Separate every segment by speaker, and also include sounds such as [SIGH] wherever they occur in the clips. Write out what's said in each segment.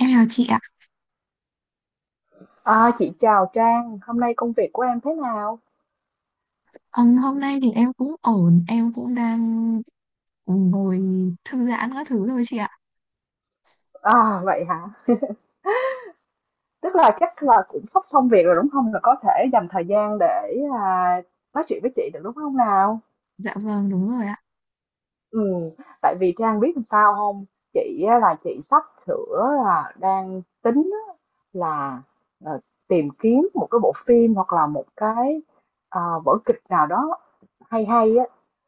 Speaker 1: Em chào chị ạ.
Speaker 2: Chị chào Trang, hôm nay công việc của em thế nào?
Speaker 1: Hôm nay thì em cũng ổn, em cũng đang ngồi thư giãn các thứ thôi chị ạ.
Speaker 2: À, vậy hả? Tức là chắc là cũng sắp xong việc rồi đúng không? Là có thể dành thời gian để à, nói chuyện với chị được đúng không nào?
Speaker 1: Dạ vâng, đúng rồi ạ.
Speaker 2: Ừ, Tại vì Trang biết làm sao không? Chị á, là chị sắp sửa là đang tính á, là ờ, tìm kiếm một cái bộ phim hoặc là một cái vở kịch nào đó hay hay á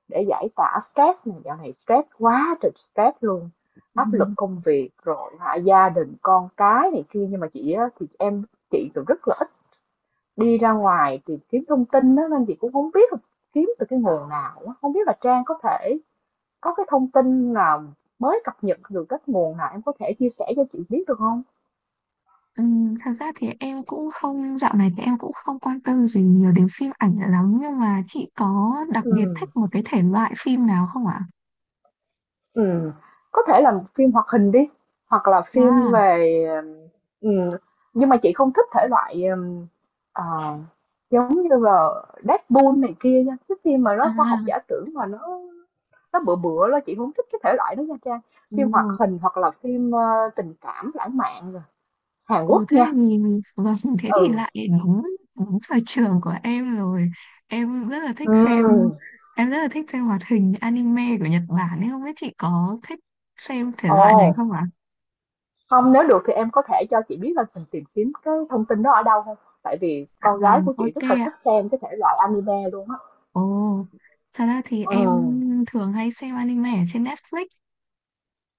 Speaker 2: để giải tỏa stress này, dạo này stress quá trời stress luôn,
Speaker 1: [LAUGHS]
Speaker 2: áp lực
Speaker 1: Ừm,
Speaker 2: công việc rồi hả, gia đình con cái này kia. Nhưng mà chị á, thì em chị cũng rất là ít đi ra ngoài tìm kiếm thông tin đó nên chị cũng không biết là kiếm từ cái nguồn nào á. Không biết là Trang có thể có cái thông tin nào mới cập nhật được, các nguồn nào em có thể chia sẻ cho chị biết được không?
Speaker 1: thật ra thì em cũng không, dạo này thì em cũng không quan tâm gì nhiều đến phim ảnh lắm, nhưng mà chị có đặc
Speaker 2: Ừ.
Speaker 1: biệt thích một cái thể loại phim nào không ạ?
Speaker 2: Ừm, có thể là một phim hoạt hình đi, hoặc là phim
Speaker 1: À,
Speaker 2: về, ừm nhưng mà chị không thích thể loại, ờ, giống như là Deadpool này kia nha, cái phim mà
Speaker 1: à,
Speaker 2: nó khoa học giả tưởng mà nó bựa bựa đó, chị không thích cái thể loại đó nha Trang. Phim hoạt
Speaker 1: đúng.
Speaker 2: hình hoặc là phim tình cảm lãng mạn rồi, Hàn
Speaker 1: Ồ
Speaker 2: Quốc
Speaker 1: thế
Speaker 2: nha.
Speaker 1: thì vâng, [LAUGHS] thế thì
Speaker 2: Ừ,
Speaker 1: lại đúng đúng sở trường của em rồi. Em rất là thích
Speaker 2: ừm,
Speaker 1: xem Em rất là thích xem hoạt hình anime của Nhật Bản, nên không biết chị có thích xem thể
Speaker 2: Ồ,
Speaker 1: loại này không ạ?
Speaker 2: không, nếu được thì em có thể cho chị biết là mình tìm kiếm cái thông tin đó ở đâu không? Tại vì
Speaker 1: Dạ
Speaker 2: con gái
Speaker 1: vâng,
Speaker 2: của chị
Speaker 1: ok
Speaker 2: rất là
Speaker 1: ạ.
Speaker 2: thích xem cái thể loại anime luôn á.
Speaker 1: Ồ, thật ra thì
Speaker 2: Ồ.
Speaker 1: em thường hay xem anime ở trên Netflix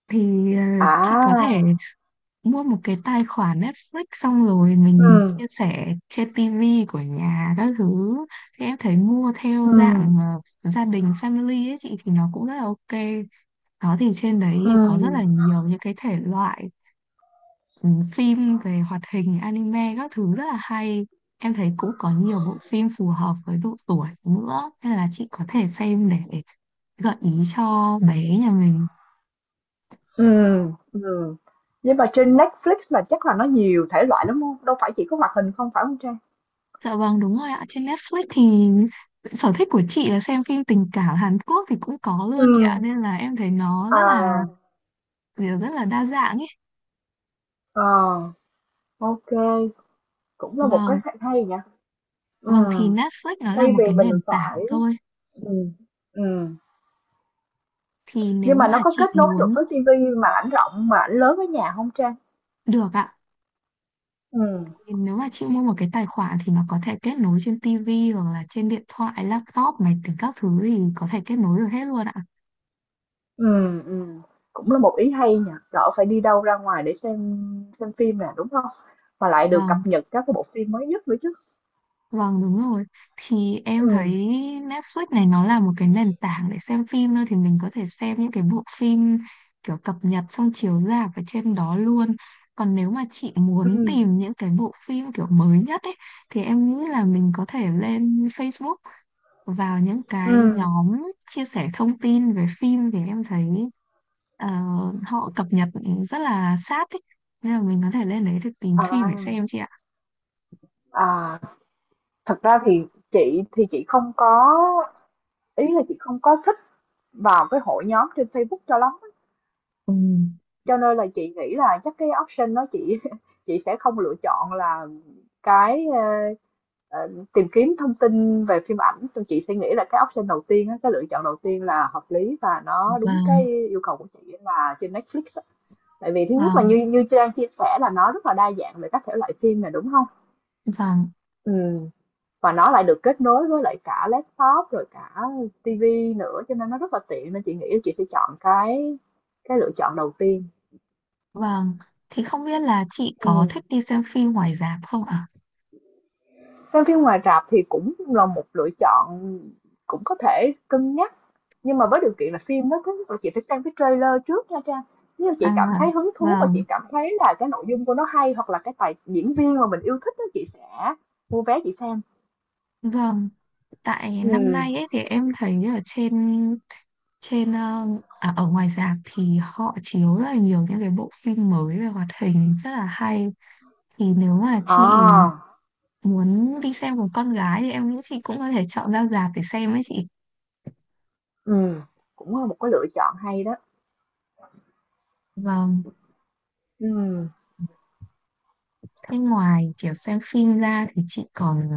Speaker 1: thì chị có thể
Speaker 2: À.
Speaker 1: mua một cái tài khoản Netflix xong rồi mình
Speaker 2: Ừm,
Speaker 1: chia sẻ trên TV của nhà các thứ, thì em thấy mua theo
Speaker 2: ừm,
Speaker 1: dạng gia đình family ấy chị thì nó cũng rất là ok đó. Thì trên đấy thì có rất
Speaker 2: ừm,
Speaker 1: là nhiều những cái thể loại, ừ, phim về hoạt hình anime các thứ rất là hay. Em thấy cũng có nhiều bộ phim phù hợp với độ tuổi nữa, nên là chị có thể xem để gợi ý cho bé nhà mình.
Speaker 2: ừm, ừm. Nhưng mà trên Netflix là chắc là nó nhiều thể loại lắm hông? Đâu phải chỉ có hoạt hình không, phải không Trang?
Speaker 1: Dạ vâng đúng rồi ạ. Trên Netflix thì sở thích của chị là xem phim tình cảm Hàn Quốc thì cũng có luôn chị ạ.
Speaker 2: Ừm.
Speaker 1: Nên là em thấy nó rất là
Speaker 2: À,
Speaker 1: kiểu rất là đa dạng ấy.
Speaker 2: à, ok, cũng là một cái
Speaker 1: Vâng,
Speaker 2: hay hay nhỉ?
Speaker 1: vâng, thì
Speaker 2: Ừm.
Speaker 1: Netflix nó
Speaker 2: Thay
Speaker 1: là một
Speaker 2: vì
Speaker 1: cái
Speaker 2: mình
Speaker 1: nền
Speaker 2: phải
Speaker 1: tảng thôi.
Speaker 2: ừm, ừm,
Speaker 1: Thì nếu
Speaker 2: nhưng mà nó
Speaker 1: mà
Speaker 2: có
Speaker 1: chị
Speaker 2: kết nối được
Speaker 1: muốn
Speaker 2: với ti vi màn ảnh rộng, mà ảnh lớn ở nhà không Trang?
Speaker 1: được ạ,
Speaker 2: Ừm.
Speaker 1: thì nếu mà chị mua một cái tài khoản thì nó có thể kết nối trên TV hoặc là trên điện thoại, laptop, máy tính các thứ thì có thể kết nối được hết luôn ạ.
Speaker 2: Ừm, ừm, cũng là một ý hay nhỉ, đỡ phải đi đâu ra ngoài để xem phim nè, đúng không? Mà
Speaker 1: Dạ
Speaker 2: lại được
Speaker 1: vâng,
Speaker 2: cập nhật các cái bộ phim mới nhất nữa chứ.
Speaker 1: vâng đúng rồi. Thì em thấy
Speaker 2: Ừm,
Speaker 1: Netflix này nó là một cái nền tảng để xem phim thôi. Thì mình có thể xem những cái bộ phim kiểu cập nhật xong chiếu rạp ở trên đó luôn. Còn nếu mà chị muốn
Speaker 2: ừm,
Speaker 1: tìm những cái bộ phim kiểu mới nhất ấy, thì em nghĩ là mình có thể lên Facebook vào những cái
Speaker 2: ừm.
Speaker 1: nhóm chia sẻ thông tin về phim. Thì em thấy ờ, họ cập nhật rất là sát ấy. Nên là mình có thể lên đấy để tìm phim
Speaker 2: À,
Speaker 1: để xem chị ạ.
Speaker 2: à, thật ra thì chị không có, ý là chị không có thích vào cái hội nhóm trên Facebook cho lắm,
Speaker 1: Ừ,
Speaker 2: cho nên là chị nghĩ là chắc cái option đó chị [LAUGHS] chị sẽ không lựa chọn là cái, Ờ, tìm kiếm thông tin về phim ảnh thì chị suy nghĩ là cái option đầu tiên á, cái lựa chọn đầu tiên là hợp lý và nó đúng cái
Speaker 1: vâng.
Speaker 2: yêu cầu của chị là trên Netflix á. Tại vì thứ nhất là
Speaker 1: Vâng.
Speaker 2: như như Trang chia sẻ là nó rất là đa dạng về các thể loại phim này, đúng không?
Speaker 1: Vâng,
Speaker 2: Ừ. Và nó lại được kết nối với lại cả laptop rồi cả TV nữa cho nên nó rất là tiện, nên chị nghĩ chị sẽ chọn cái lựa chọn đầu tiên.
Speaker 1: vâng. Thì không biết là chị có
Speaker 2: Ừ.
Speaker 1: thích đi xem phim ngoài rạp không ạ?
Speaker 2: Xem phim ngoài rạp thì cũng là một lựa chọn, cũng có thể cân nhắc. Nhưng mà với điều kiện là phim nó cứ chị phải xem cái trailer trước nha Trang. Nếu
Speaker 1: À,
Speaker 2: chị cảm thấy hứng thú và chị
Speaker 1: vâng,
Speaker 2: cảm thấy là cái nội dung của nó hay hoặc là cái tài diễn viên mà mình yêu thích đó, chị sẽ mua vé chị xem.
Speaker 1: vâng. Tại
Speaker 2: ừ
Speaker 1: năm nay ấy thì em thấy ở trên trên ờ, à, ở ngoài rạp thì họ chiếu rất là nhiều những cái bộ phim mới về hoạt hình rất là hay. Thì nếu mà chị
Speaker 2: À,
Speaker 1: muốn đi xem cùng con gái thì em nghĩ chị cũng có thể chọn ra rạp để xem ấy chị.
Speaker 2: ừ, cũng là một cái lựa chọn hay đó.
Speaker 1: Vâng.
Speaker 2: ừ
Speaker 1: Thế ngoài kiểu xem phim ra thì chị còn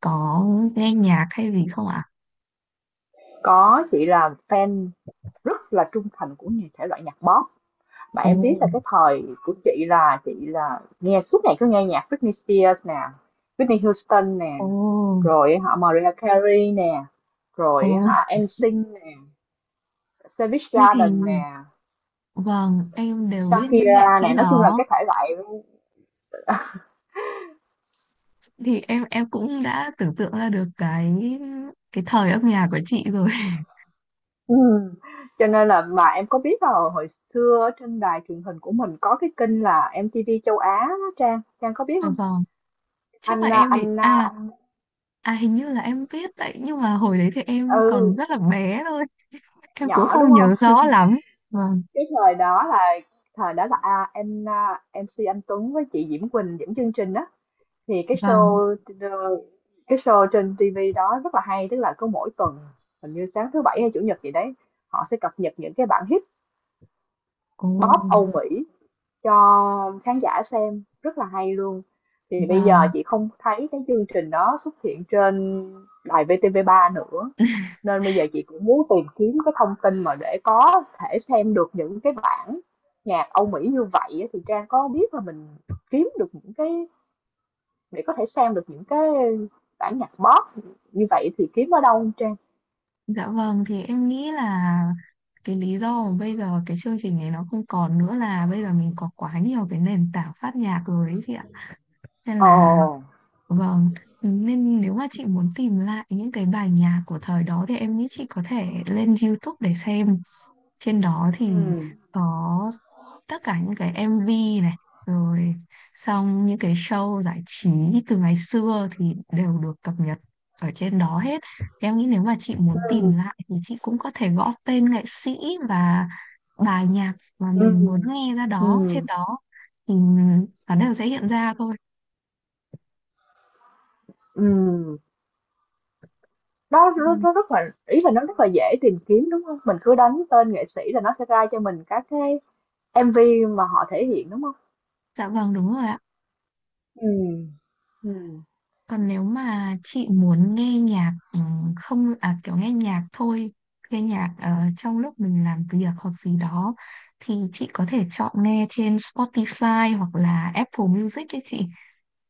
Speaker 1: có nghe nhạc hay gì không ạ?
Speaker 2: Có, chị là fan rất là trung thành của nhà thể loại nhạc pop. Mà
Speaker 1: Ồ,
Speaker 2: em biết là cái thời của chị là nghe suốt ngày, cứ nghe nhạc Britney Spears nè, Whitney Houston nè,
Speaker 1: ồ.
Speaker 2: rồi họ Mariah Carey nè,
Speaker 1: Ồ,
Speaker 2: rồi họ NSYNC nè, Savage
Speaker 1: thế thì
Speaker 2: Garden nè,
Speaker 1: vâng, em đều biết những nghệ
Speaker 2: Shakira
Speaker 1: sĩ
Speaker 2: nè, nói chung là
Speaker 1: đó.
Speaker 2: cái thể loại.
Speaker 1: Thì em cũng đã tưởng tượng ra được cái thời âm nhạc của chị rồi. [LAUGHS]
Speaker 2: ừ. Cho nên là mà em có biết là hồi xưa ở trên đài truyền hình của mình có cái kênh là MTV châu Á đó Trang, Trang có biết không?
Speaker 1: Vâng, chắc là
Speaker 2: Anh anh
Speaker 1: em thì
Speaker 2: anh, anh
Speaker 1: hình như là em biết đấy, nhưng mà hồi đấy thì em còn rất là
Speaker 2: ừ,
Speaker 1: bé thôi, em cũng
Speaker 2: nhỏ
Speaker 1: không
Speaker 2: đúng
Speaker 1: nhớ
Speaker 2: không?
Speaker 1: rõ lắm. Vâng,
Speaker 2: Cái thời đó là MC Anh Tuấn với chị Diễm Quỳnh dẫn chương trình đó, thì cái
Speaker 1: vâng.
Speaker 2: show ờ, cái show trên TV đó rất là hay, tức là cứ mỗi tuần, hình như sáng thứ bảy hay chủ nhật gì đấy, họ sẽ cập nhật những cái bản hit
Speaker 1: Ồ,
Speaker 2: pop Âu Mỹ cho khán giả xem, rất là hay luôn. Thì bây giờ
Speaker 1: vâng.
Speaker 2: chị không thấy cái chương trình đó xuất hiện trên đài VTV3 nữa, nên bây giờ chị cũng muốn tìm kiếm cái thông tin mà để có thể xem được những cái bản nhạc Âu Mỹ như vậy, thì Trang có biết là mình kiếm được những cái để có thể xem được những cái bản nhạc pop như vậy thì kiếm ở đâu không Trang?
Speaker 1: Dạ vâng, thì em nghĩ là cái lý do mà bây giờ cái chương trình này nó không còn nữa là bây giờ mình có quá nhiều cái nền tảng phát nhạc rồi ấy chị ạ. Nên
Speaker 2: Ồ.
Speaker 1: là vâng, nên nếu mà chị muốn tìm lại những cái bài nhạc của thời đó thì em nghĩ chị có thể lên YouTube để xem. Trên đó thì
Speaker 2: Ừ.
Speaker 1: có tất cả những cái MV này, rồi xong những cái show giải trí từ ngày xưa thì đều được cập nhật ở trên đó hết. Thì em nghĩ nếu mà chị muốn tìm
Speaker 2: Ừ.
Speaker 1: lại thì chị cũng có thể gõ tên nghệ sĩ và bài nhạc mà mình muốn nghe ra
Speaker 2: Ừ.
Speaker 1: đó trên đó thì nó đều sẽ hiện ra thôi.
Speaker 2: Ừ. Nó nó
Speaker 1: Ừ.
Speaker 2: nó rất là, ý là nó rất là dễ tìm kiếm, đúng không? Mình cứ đánh tên nghệ sĩ là nó sẽ ra cho mình các cái MV mà họ thể hiện, đúng không?
Speaker 1: Dạ vâng, đúng rồi ạ.
Speaker 2: ừ ừ
Speaker 1: Còn nếu mà chị muốn nghe nhạc không à kiểu nghe nhạc thôi, nghe nhạc trong lúc mình làm việc hoặc gì đó thì chị có thể chọn nghe trên Spotify hoặc là Apple Music ấy chị.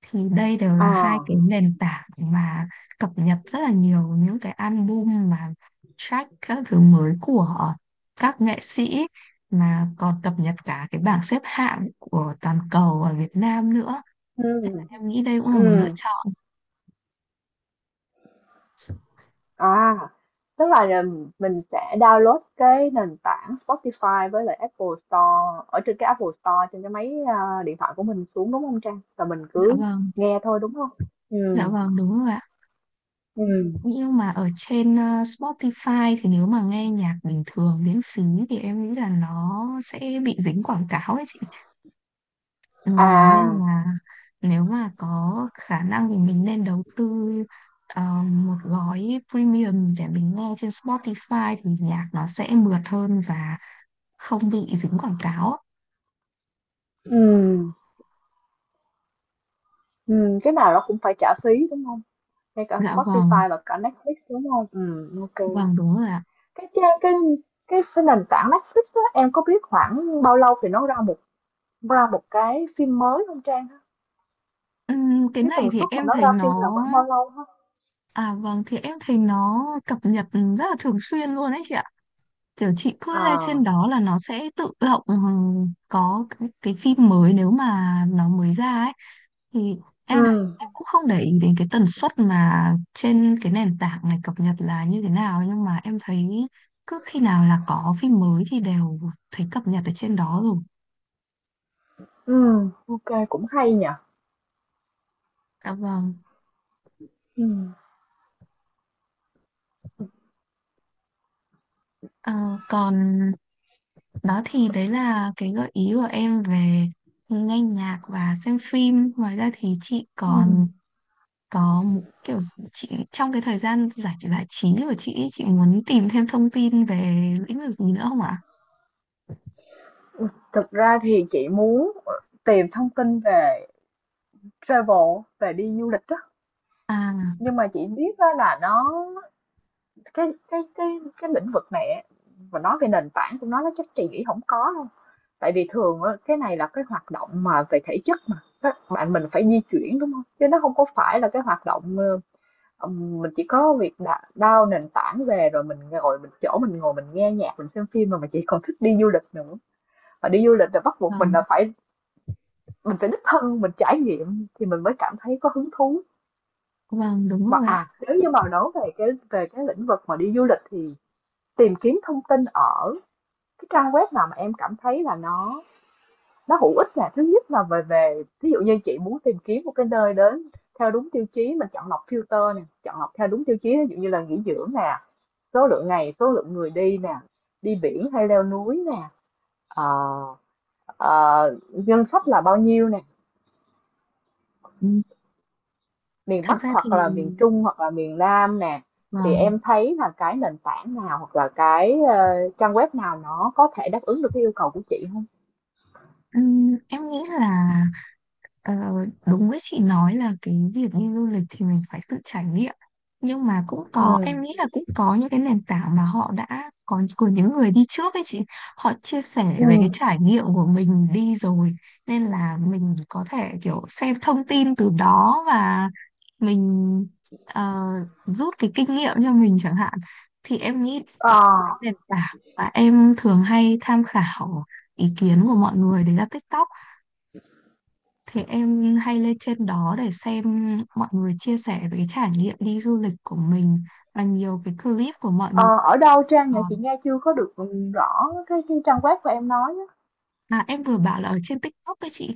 Speaker 1: Thì đây đều là hai
Speaker 2: Ờ.
Speaker 1: cái nền tảng mà cập nhật rất là nhiều những cái album mà track các thứ mới của các nghệ sĩ, mà còn cập nhật cả cái bảng xếp hạng của toàn cầu ở Việt Nam nữa.
Speaker 2: ừ
Speaker 1: Em nghĩ đây cũng là một lựa
Speaker 2: ừ
Speaker 1: chọn.
Speaker 2: à, tức là, mình sẽ download cái nền tảng Spotify với lại Apple Store ở trên cái Apple Store trên cái máy, điện thoại của mình xuống, đúng không Trang? Rồi mình
Speaker 1: Dạ
Speaker 2: cứ
Speaker 1: vâng.
Speaker 2: nghe thôi, đúng không? ừ
Speaker 1: Dạ vâng đúng rồi ạ.
Speaker 2: ừ
Speaker 1: Nhưng mà ở trên Spotify thì nếu mà nghe nhạc bình thường miễn phí thì em nghĩ là nó sẽ bị dính quảng cáo ấy chị. Ừ, vâng nên
Speaker 2: À,
Speaker 1: là nếu mà có khả năng thì mình nên đầu tư một gói premium để mình nghe trên Spotify thì nhạc nó sẽ mượt hơn và không bị dính quảng cáo ạ.
Speaker 2: ừ ừ cái nào nó cũng phải trả phí, đúng không? Ngay cả
Speaker 1: Dạ vâng,
Speaker 2: Spotify và cả Netflix, đúng không? Ok.
Speaker 1: vâng đúng rồi ạ.
Speaker 2: Cái trang cái nền tảng Netflix á, em có biết khoảng bao lâu thì nó ra ra một cái phim mới không Trang?
Speaker 1: Cái
Speaker 2: Cái
Speaker 1: này
Speaker 2: tần
Speaker 1: thì
Speaker 2: suất mà
Speaker 1: em
Speaker 2: nó
Speaker 1: thấy
Speaker 2: ra phim là
Speaker 1: nó
Speaker 2: khoảng bao lâu ha?
Speaker 1: À vâng, thì em thấy nó cập nhật rất là thường xuyên luôn ấy chị ạ. Kiểu chị cứ lên
Speaker 2: à
Speaker 1: trên đó là nó sẽ tự động, có cái phim mới nếu mà nó mới ra ấy, thì em thấy em
Speaker 2: ừm,
Speaker 1: cũng không để ý đến cái tần suất mà trên cái nền tảng này cập nhật là như thế nào, nhưng mà em thấy cứ khi nào là có phim mới thì đều thấy cập nhật ở trên đó rồi.
Speaker 2: ok, cũng hay nhỉ?
Speaker 1: Dạ vâng.
Speaker 2: Ừm,
Speaker 1: Ờ, còn đó thì đấy là cái gợi ý của em về nghe nhạc và xem phim. Ngoài ra thì chị
Speaker 2: ừm.
Speaker 1: còn có một kiểu chị trong cái thời gian giải giải trí của chị ý, chị muốn tìm thêm thông tin về lĩnh vực gì nữa không ạ?
Speaker 2: Thực ra thì chị muốn, tìm thông tin về travel, về đi du lịch á,
Speaker 1: À,
Speaker 2: nhưng mà chị biết á là nó, cái cái cái cái lĩnh vực này á, mà nói về nền tảng của nó chắc chị nghĩ không có đâu. Tại vì thường á, cái này là cái hoạt động mà về thể chất mà, các bạn mình phải di chuyển, đúng không? Chứ nó không có phải là cái hoạt động, mình chỉ có việc đà nền tảng về rồi mình ngồi, mình chỗ mình ngồi mình nghe nhạc, mình xem phim, mà mình chỉ còn thích đi du lịch nữa. Và đi du lịch là bắt buộc mình
Speaker 1: vâng,
Speaker 2: là phải mình phải đích thân mình trải nghiệm thì mình mới cảm thấy có hứng thú.
Speaker 1: vâng đúng
Speaker 2: Mà,
Speaker 1: rồi ạ.
Speaker 2: nếu như mà nói về cái lĩnh vực mà đi du lịch thì tìm kiếm thông tin ở cái trang web nào mà em cảm thấy là nó hữu ích là thứ nhất là về về thí dụ như chị muốn tìm kiếm một cái nơi đến theo đúng tiêu chí mình chọn lọc, filter nè, chọn lọc theo đúng tiêu chí ví dụ như là nghỉ dưỡng nè, số lượng ngày, số lượng người đi nè, đi biển hay leo núi nè, ờ, ờ, ngân sách là bao nhiêu nè,
Speaker 1: Ừ,
Speaker 2: miền
Speaker 1: thật
Speaker 2: Bắc
Speaker 1: ra thì
Speaker 2: hoặc là miền Trung hoặc là miền Nam nè, thì
Speaker 1: vâng,
Speaker 2: em thấy là cái nền tảng nào hoặc là cái trang web nào nó có thể đáp ứng được cái yêu cầu của chị không?
Speaker 1: ừ, em nghĩ là Ờ, đúng với chị nói là cái việc đi du lịch thì mình phải tự trải nghiệm, nhưng mà cũng
Speaker 2: ừ
Speaker 1: có em nghĩ là cũng có những cái nền tảng mà họ đã có của những người đi trước ấy chị, họ chia sẻ về cái
Speaker 2: ừ
Speaker 1: trải nghiệm của mình đi rồi, nên là mình có thể kiểu xem thông tin từ đó và mình ờ, rút cái kinh nghiệm cho mình chẳng hạn. Thì em nghĩ có
Speaker 2: ờ
Speaker 1: một cái nền tảng mà em thường hay tham khảo ý kiến của mọi người đấy là TikTok. Thế em hay lên trên đó để xem mọi người chia sẻ về cái trải nghiệm đi du lịch của mình và nhiều cái clip của mọi người.
Speaker 2: Ờ, ở đâu Trang
Speaker 1: Ờ,
Speaker 2: nhỉ? Chị nghe chưa có được, rõ cái trang web của em nói á.
Speaker 1: à, em vừa bảo là ở trên TikTok đấy chị.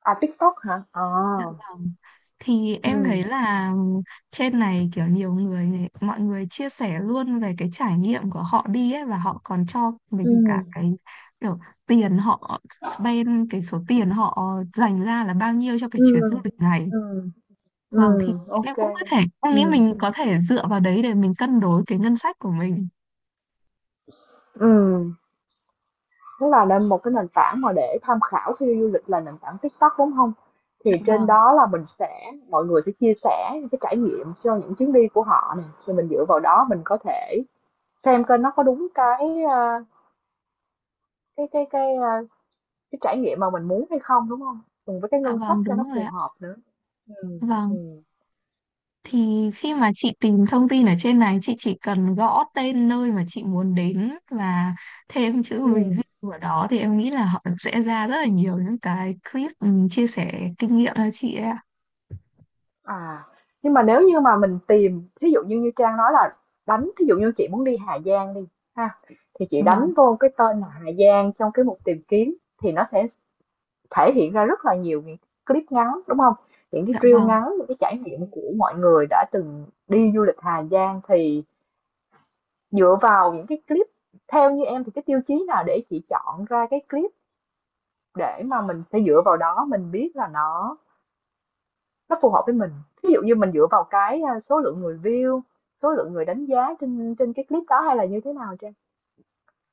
Speaker 2: À, TikTok hả? Ờ.
Speaker 1: Dạ vâng. Thì em
Speaker 2: Ừ.
Speaker 1: thấy là trên này kiểu nhiều người, mọi người chia sẻ luôn về cái trải nghiệm của họ đi ấy, và họ còn cho
Speaker 2: Ừ.
Speaker 1: mình cả cái kiểu tiền họ spend, cái số tiền họ dành ra là bao nhiêu cho cái
Speaker 2: Ừ.
Speaker 1: chuyến du lịch này.
Speaker 2: Ừ.
Speaker 1: Vâng thì
Speaker 2: Ừ.
Speaker 1: em
Speaker 2: Ok.
Speaker 1: cũng có thể em
Speaker 2: Ừ.
Speaker 1: nghĩ mình có thể dựa vào đấy để mình cân đối cái ngân sách của mình.
Speaker 2: Ừ. Tức là nên một cái nền tảng mà để tham khảo khi đi du lịch là nền tảng TikTok, đúng không? Thì
Speaker 1: Dạ
Speaker 2: trên
Speaker 1: vâng,
Speaker 2: đó là mình sẽ, mọi người sẽ chia sẻ những cái trải nghiệm cho những chuyến đi của họ nè, rồi mình dựa vào đó mình có thể xem coi nó có đúng cái, cái cái cái ờ, cái trải nghiệm mà mình muốn hay không, đúng không? Cùng với cái
Speaker 1: dạ
Speaker 2: ngân sách
Speaker 1: vâng
Speaker 2: cho
Speaker 1: đúng
Speaker 2: nó
Speaker 1: rồi
Speaker 2: phù
Speaker 1: ạ.
Speaker 2: hợp nữa. Ừ, ừ,
Speaker 1: Vâng, thì khi mà chị tìm thông tin ở trên này chị chỉ cần gõ tên nơi mà chị muốn đến và thêm chữ review
Speaker 2: ừm,
Speaker 1: vào đó thì em nghĩ là họ sẽ ra rất là nhiều những cái clip, chia sẻ kinh nghiệm cho chị ấy ạ.
Speaker 2: à, nhưng mà nếu như mà mình tìm thí dụ như như Trang nói là đánh thí dụ như chị muốn đi Hà Giang đi ha, thì chị
Speaker 1: Vâng,
Speaker 2: đánh vô cái tên là Hà Giang trong cái mục tìm kiếm, thì nó sẽ thể hiện ra rất là nhiều những clip ngắn, đúng không? Những cái
Speaker 1: dạ
Speaker 2: reel
Speaker 1: vâng.
Speaker 2: ngắn, những cái trải nghiệm của mọi người đã từng đi du lịch Hà Giang, thì dựa vào những cái clip, theo như em thì cái tiêu chí nào để chị chọn ra cái clip, để mà mình phải dựa vào đó mình biết là nó phù hợp với mình. Ví dụ như mình dựa vào cái số lượng người view, số lượng người đánh giá trên trên cái clip đó hay là như thế nào Trang?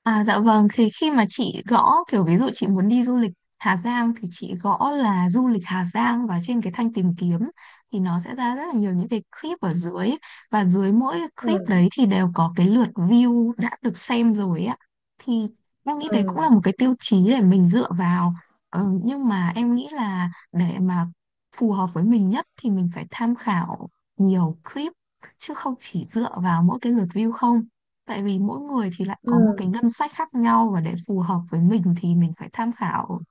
Speaker 1: À, dạ vâng, thì khi mà chị gõ kiểu ví dụ chị muốn đi du lịch Hà Giang thì chị gõ là du lịch Hà Giang và trên cái thanh tìm kiếm thì nó sẽ ra rất là nhiều những cái clip ở dưới, và dưới mỗi clip
Speaker 2: Ừ
Speaker 1: đấy thì đều có cái lượt view đã được xem rồi ạ. Thì em nghĩ
Speaker 2: ừ
Speaker 1: đấy cũng là một cái tiêu chí để mình dựa vào. Ờ, nhưng mà em nghĩ là để mà phù hợp với mình nhất thì mình phải tham khảo nhiều clip chứ không chỉ dựa vào mỗi cái lượt view không. Tại vì mỗi người thì lại
Speaker 2: ừ.
Speaker 1: có một cái ngân sách khác nhau và để phù hợp với mình thì mình phải tham khảo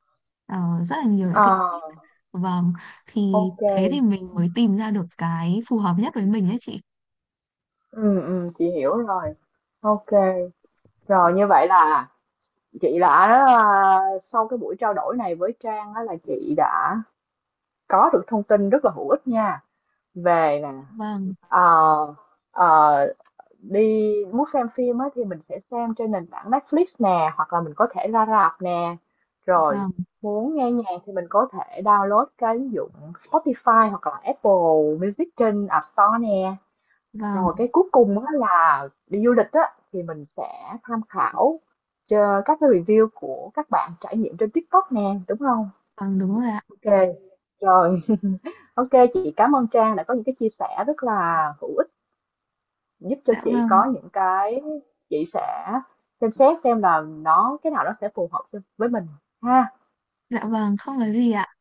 Speaker 1: rất là nhiều những cái clip.
Speaker 2: À,
Speaker 1: Vâng, thì
Speaker 2: ok.
Speaker 1: thế thì
Speaker 2: Ừ
Speaker 1: mình mới tìm ra được cái phù hợp nhất với mình ấy chị.
Speaker 2: ừ chị hiểu rồi. Ok, rồi như vậy là chị đã, a, sau cái buổi trao đổi này với Trang á là chị đã có được thông tin rất là hữu ích nha, về nè,
Speaker 1: Vâng,
Speaker 2: ờ, ờ, đi muốn xem phim á, thì mình sẽ xem trên nền tảng Netflix nè hoặc là mình có thể ra rạp nè, rồi
Speaker 1: vâng,
Speaker 2: muốn nghe nhạc thì mình có thể download cái ứng dụng Spotify hoặc là Apple Music trên App Store nè,
Speaker 1: vâng,
Speaker 2: rồi cái cuối cùng á là đi du lịch á thì mình sẽ tham khảo cho các cái review của các bạn trải nghiệm trên TikTok nè, đúng không?
Speaker 1: vâng đúng rồi ạ.
Speaker 2: Ok, rồi, ok, chị cảm ơn Trang đã có những cái chia sẻ rất là hữu ích, giúp cho
Speaker 1: Dạ
Speaker 2: chị
Speaker 1: vâng,
Speaker 2: có những cái, chị sẽ xem xét xem là nó cái nào nó sẽ phù hợp cho với mình ha.
Speaker 1: dạ vâng, không có gì ạ.